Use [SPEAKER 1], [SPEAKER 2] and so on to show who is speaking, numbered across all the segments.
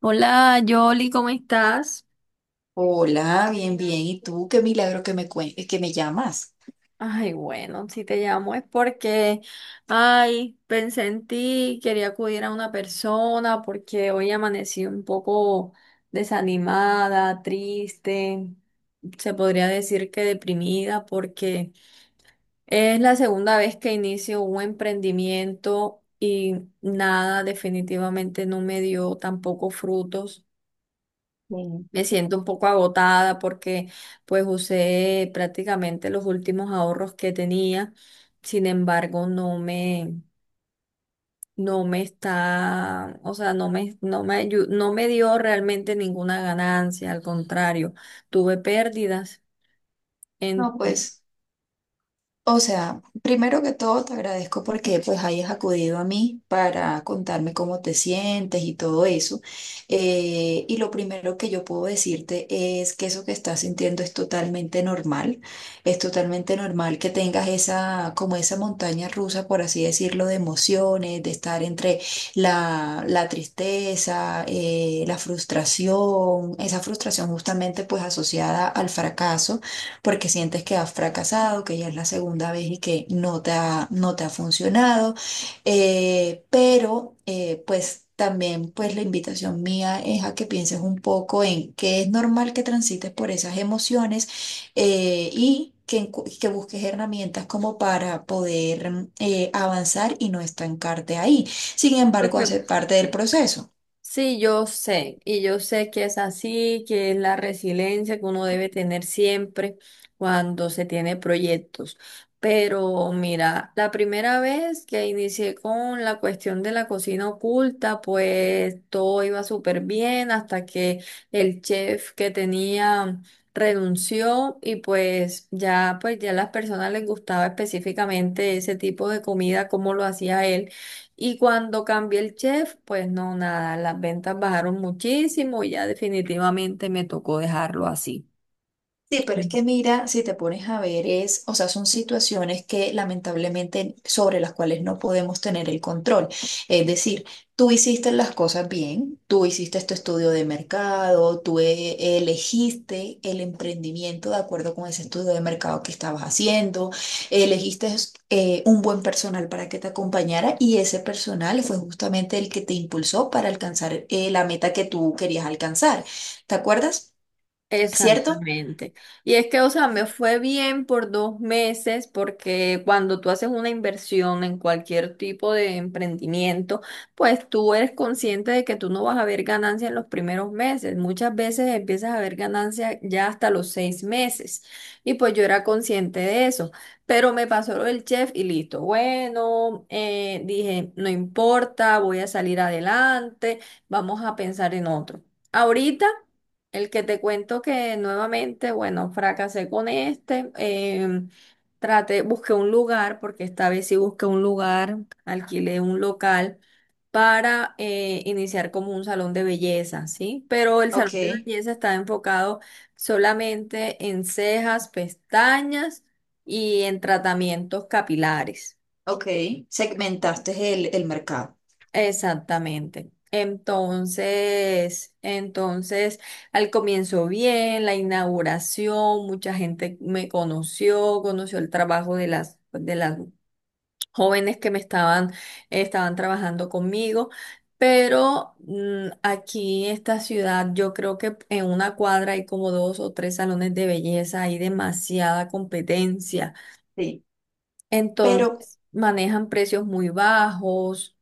[SPEAKER 1] Hola, Yoli, ¿cómo estás?
[SPEAKER 2] Hola, bien, bien. ¿Y tú? Qué milagro que que me llamas.
[SPEAKER 1] Ay, bueno, si te llamo es porque, ay, pensé en ti, quería acudir a una persona porque hoy amanecí un poco desanimada, triste, se podría decir que deprimida porque es la segunda vez que inicio un emprendimiento y nada, definitivamente no me dio tampoco frutos.
[SPEAKER 2] Sí.
[SPEAKER 1] Me siento un poco agotada porque pues usé prácticamente los últimos ahorros que tenía. Sin embargo, no me está, o sea, no me dio realmente ninguna ganancia. Al contrario, tuve pérdidas.
[SPEAKER 2] No,
[SPEAKER 1] En,
[SPEAKER 2] pues. O sea, primero que todo te agradezco porque pues hayas acudido a mí para contarme cómo te sientes y todo eso. Y lo primero que yo puedo decirte es que eso que estás sintiendo es totalmente normal. Es totalmente normal que tengas esa, como esa montaña rusa, por así decirlo, de emociones, de estar entre la tristeza, la frustración, esa frustración justamente pues asociada al fracaso porque sientes que has fracasado, que ya es la segunda vez y que no te ha funcionado. Pues también pues la invitación mía es a que pienses un poco en que es normal que transites por esas emociones Que, que busques herramientas como para poder avanzar y no estancarte ahí. Sin
[SPEAKER 1] lo
[SPEAKER 2] embargo,
[SPEAKER 1] que
[SPEAKER 2] hacer parte del proceso.
[SPEAKER 1] Sí, yo sé, y yo sé que es así, que es la resiliencia que uno debe tener siempre cuando se tiene proyectos. Pero mira, la primera vez que inicié con la cuestión de la cocina oculta, pues todo iba súper bien hasta que el chef que tenía renunció y pues ya a las personas les gustaba específicamente ese tipo de comida, como lo hacía él. Y cuando cambié el chef, pues no, nada, las ventas bajaron muchísimo y ya definitivamente me tocó dejarlo así.
[SPEAKER 2] Sí, pero es que mira, si te pones a ver, o sea, son situaciones que lamentablemente sobre las cuales no podemos tener el control. Es decir, tú hiciste las cosas bien, tú hiciste tu estudio de mercado, tú elegiste el emprendimiento de acuerdo con ese estudio de mercado que estabas haciendo, elegiste un buen personal para que te acompañara y ese personal fue justamente el que te impulsó para alcanzar la meta que tú querías alcanzar. ¿Te acuerdas? ¿Cierto?
[SPEAKER 1] Exactamente. Y es que, o sea, me fue bien por 2 meses porque cuando tú haces una inversión en cualquier tipo de emprendimiento, pues tú eres consciente de que tú no vas a ver ganancia en los primeros meses. Muchas veces empiezas a ver ganancia ya hasta los 6 meses. Y pues yo era consciente de eso. Pero me pasó lo del chef y listo. Bueno, dije, no importa, voy a salir adelante, vamos a pensar en otro. Ahorita. El que te cuento que nuevamente, bueno, fracasé con este. Traté, busqué un lugar, porque esta vez sí busqué un lugar, alquilé un local para iniciar como un salón de belleza, ¿sí? Pero el salón de
[SPEAKER 2] Ok.
[SPEAKER 1] belleza está enfocado solamente en cejas, pestañas y en tratamientos capilares.
[SPEAKER 2] Ok, segmentaste el mercado.
[SPEAKER 1] Exactamente. Entonces, entonces, al comienzo bien, la inauguración, mucha gente me conoció, conoció el trabajo de las jóvenes que me estaban, trabajando conmigo, pero aquí en esta ciudad, yo creo que en una cuadra hay como dos o tres salones de belleza, hay demasiada competencia.
[SPEAKER 2] Sí. Pero
[SPEAKER 1] Entonces, manejan precios muy bajos.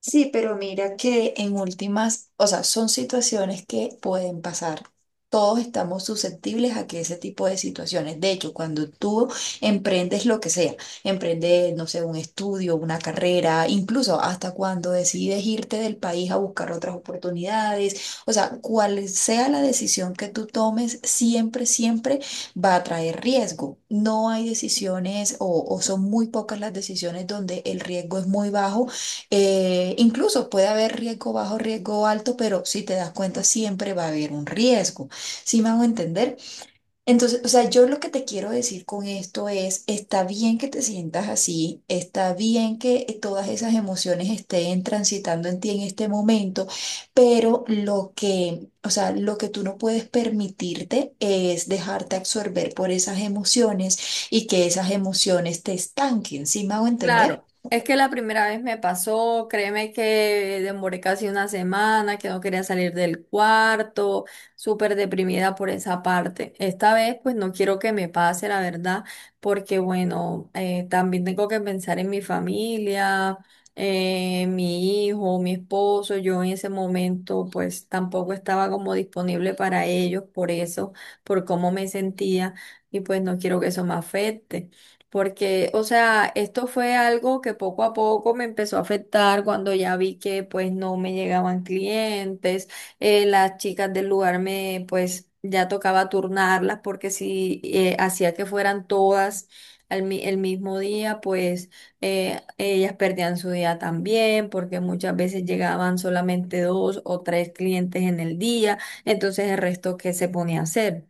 [SPEAKER 2] sí, pero mira que en últimas, o sea, son situaciones que pueden pasar. Todos estamos susceptibles a que ese tipo de situaciones. De hecho, cuando tú emprendes lo que sea, emprendes, no sé, un estudio, una carrera, incluso hasta cuando decides irte del país a buscar otras oportunidades, o sea, cual sea la decisión que tú tomes, siempre, siempre va a traer riesgo. No hay decisiones o son muy pocas las decisiones donde el riesgo es muy bajo incluso puede haber riesgo bajo, riesgo alto, pero si te das cuenta, siempre va a haber un riesgo. ¿Sí me hago entender? Entonces, o sea, yo lo que te quiero decir con esto es, está bien que te sientas así, está bien que todas esas emociones estén transitando en ti en este momento, pero o sea, lo que tú no puedes permitirte es dejarte absorber por esas emociones y que esas emociones te estanquen. ¿Sí me hago entender?
[SPEAKER 1] Claro, es que la primera vez me pasó, créeme que demoré casi una semana, que no quería salir del cuarto, súper deprimida por esa parte. Esta vez pues no quiero que me pase, la verdad, porque bueno, también tengo que pensar en mi familia, mi hijo, mi esposo. Yo en ese momento pues tampoco estaba como disponible para ellos por eso, por cómo me sentía y pues no quiero que eso me afecte porque, o sea, esto fue algo que poco a poco me empezó a afectar cuando ya vi que pues no me llegaban clientes. Las chicas del lugar me pues ya tocaba turnarlas porque si hacía que fueran todas el mismo día, pues ellas perdían su día también porque muchas veces llegaban solamente dos o tres clientes en el día, entonces el resto qué se ponía a hacer.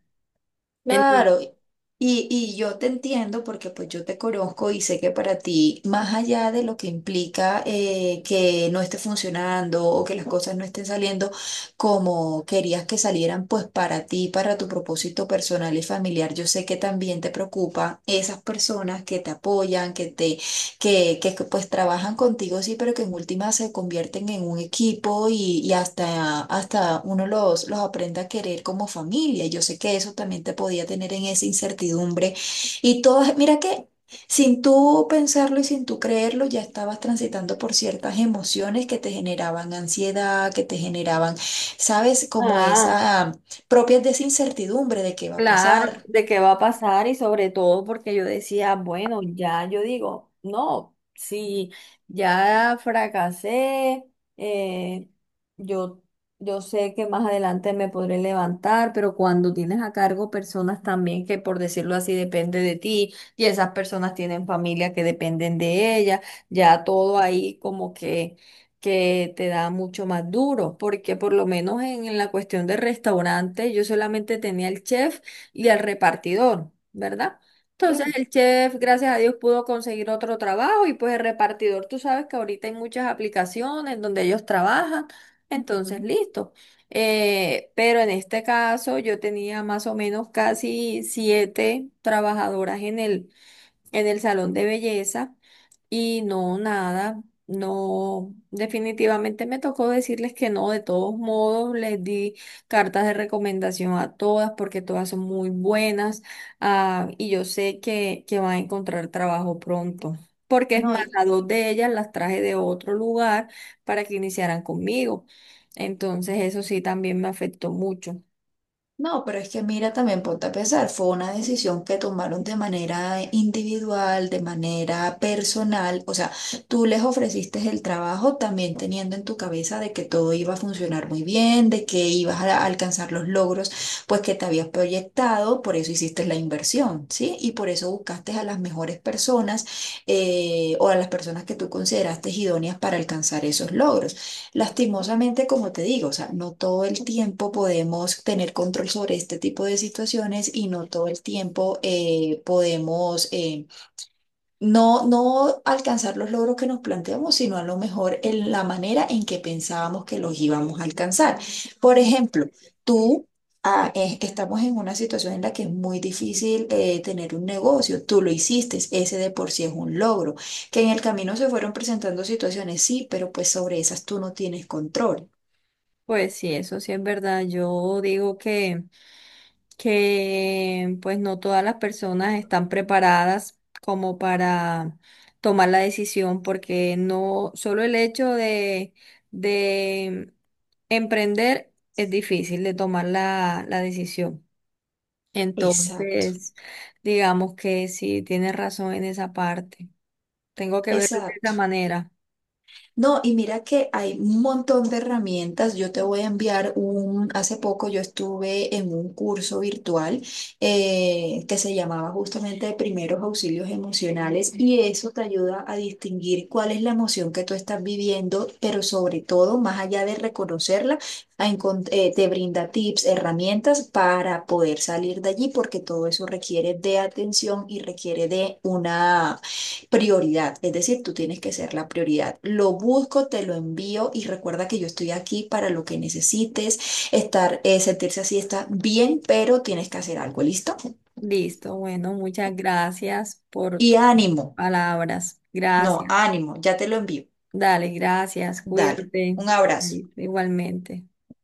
[SPEAKER 1] Entonces,
[SPEAKER 2] Claro, y yo te entiendo porque pues yo te conozco y sé que para ti, más allá de lo que implica que no esté funcionando o que las cosas no estén saliendo como querías que salieran, pues para ti, para tu propósito personal y familiar, yo sé que también te preocupa esas personas que te apoyan, que pues trabajan contigo, sí, pero que en última se convierten en un equipo y hasta, hasta uno los aprende a querer como familia. Yo sé que eso también te podía tener en esa incertidumbre. Y todas, mira que sin tú pensarlo y sin tú creerlo, ya estabas transitando por ciertas emociones que te generaban ansiedad, que te generaban, ¿sabes? Como
[SPEAKER 1] ah,
[SPEAKER 2] esa propias de esa incertidumbre de qué va a
[SPEAKER 1] claro,
[SPEAKER 2] pasar.
[SPEAKER 1] de qué va a pasar y sobre todo porque yo decía, bueno, ya yo digo, no, si ya fracasé, eh, yo, yo sé que más adelante me podré levantar, pero cuando tienes a cargo personas también que por decirlo así depende de ti y esas personas tienen familia que dependen de ellas, ya todo ahí como que te da mucho más duro, porque por lo menos en la cuestión del restaurante yo solamente tenía el chef y al repartidor, ¿verdad? Entonces el chef, gracias a Dios, pudo conseguir otro trabajo y pues el repartidor, tú sabes que ahorita hay muchas aplicaciones donde ellos trabajan, entonces listo. Pero en este caso yo tenía más o menos casi siete trabajadoras en el salón de belleza y no, nada, no, definitivamente me tocó decirles que no, de todos modos les di cartas de recomendación a todas porque todas son muy buenas, ah, y yo sé que van a encontrar trabajo pronto. Porque es
[SPEAKER 2] No,
[SPEAKER 1] más,
[SPEAKER 2] y-
[SPEAKER 1] a dos de ellas las traje de otro lugar para que iniciaran conmigo. Entonces, eso sí también me afectó mucho.
[SPEAKER 2] No, pero es que mira, también ponte a pensar, fue una decisión que tomaron de manera individual, de manera personal, o sea, tú les ofreciste el trabajo también teniendo en tu cabeza de que todo iba a funcionar muy bien, de que ibas a alcanzar los logros, pues que te habías proyectado, por eso hiciste la inversión, ¿sí? Y por eso buscaste a las mejores personas o a las personas que tú consideraste idóneas para alcanzar esos logros. Lastimosamente, como te digo, o sea, no todo el tiempo podemos tener control sobre este tipo de situaciones y no todo el tiempo podemos, no alcanzar los logros que nos planteamos, sino a lo mejor en la manera en que pensábamos que los íbamos a alcanzar. Por ejemplo, tú estamos en una situación en la que es muy difícil tener un negocio. Tú lo hiciste, ese de por sí es un logro. Que en el camino se fueron presentando situaciones, sí, pero pues sobre esas tú no tienes control.
[SPEAKER 1] Pues sí, eso sí es verdad. Yo digo que pues no todas las personas están preparadas como para tomar la decisión, porque no solo el hecho de, de emprender es difícil de tomar la decisión.
[SPEAKER 2] Exacto,
[SPEAKER 1] Entonces, digamos que sí, tienes razón en esa parte. Tengo que verlo de esa
[SPEAKER 2] exacto.
[SPEAKER 1] manera.
[SPEAKER 2] No, y mira que hay un montón de herramientas. Yo te voy a enviar un, hace poco yo estuve en un curso virtual que se llamaba justamente de primeros auxilios emocionales y eso te ayuda a distinguir cuál es la emoción que tú estás viviendo, pero sobre todo, más allá de reconocerla, te brinda tips, herramientas para poder salir de allí, porque todo eso requiere de atención y requiere de una prioridad, es decir, tú tienes que ser la prioridad. Lo busco, te lo envío y recuerda que yo estoy aquí para lo que necesites, sentirse así está bien, pero tienes que hacer algo, ¿listo?
[SPEAKER 1] Listo, bueno, muchas gracias por
[SPEAKER 2] Y
[SPEAKER 1] tus
[SPEAKER 2] ánimo,
[SPEAKER 1] palabras.
[SPEAKER 2] no,
[SPEAKER 1] Gracias.
[SPEAKER 2] ánimo, ya te lo envío.
[SPEAKER 1] Dale, gracias,
[SPEAKER 2] Dale,
[SPEAKER 1] cuídate,
[SPEAKER 2] un abrazo.
[SPEAKER 1] y- igualmente.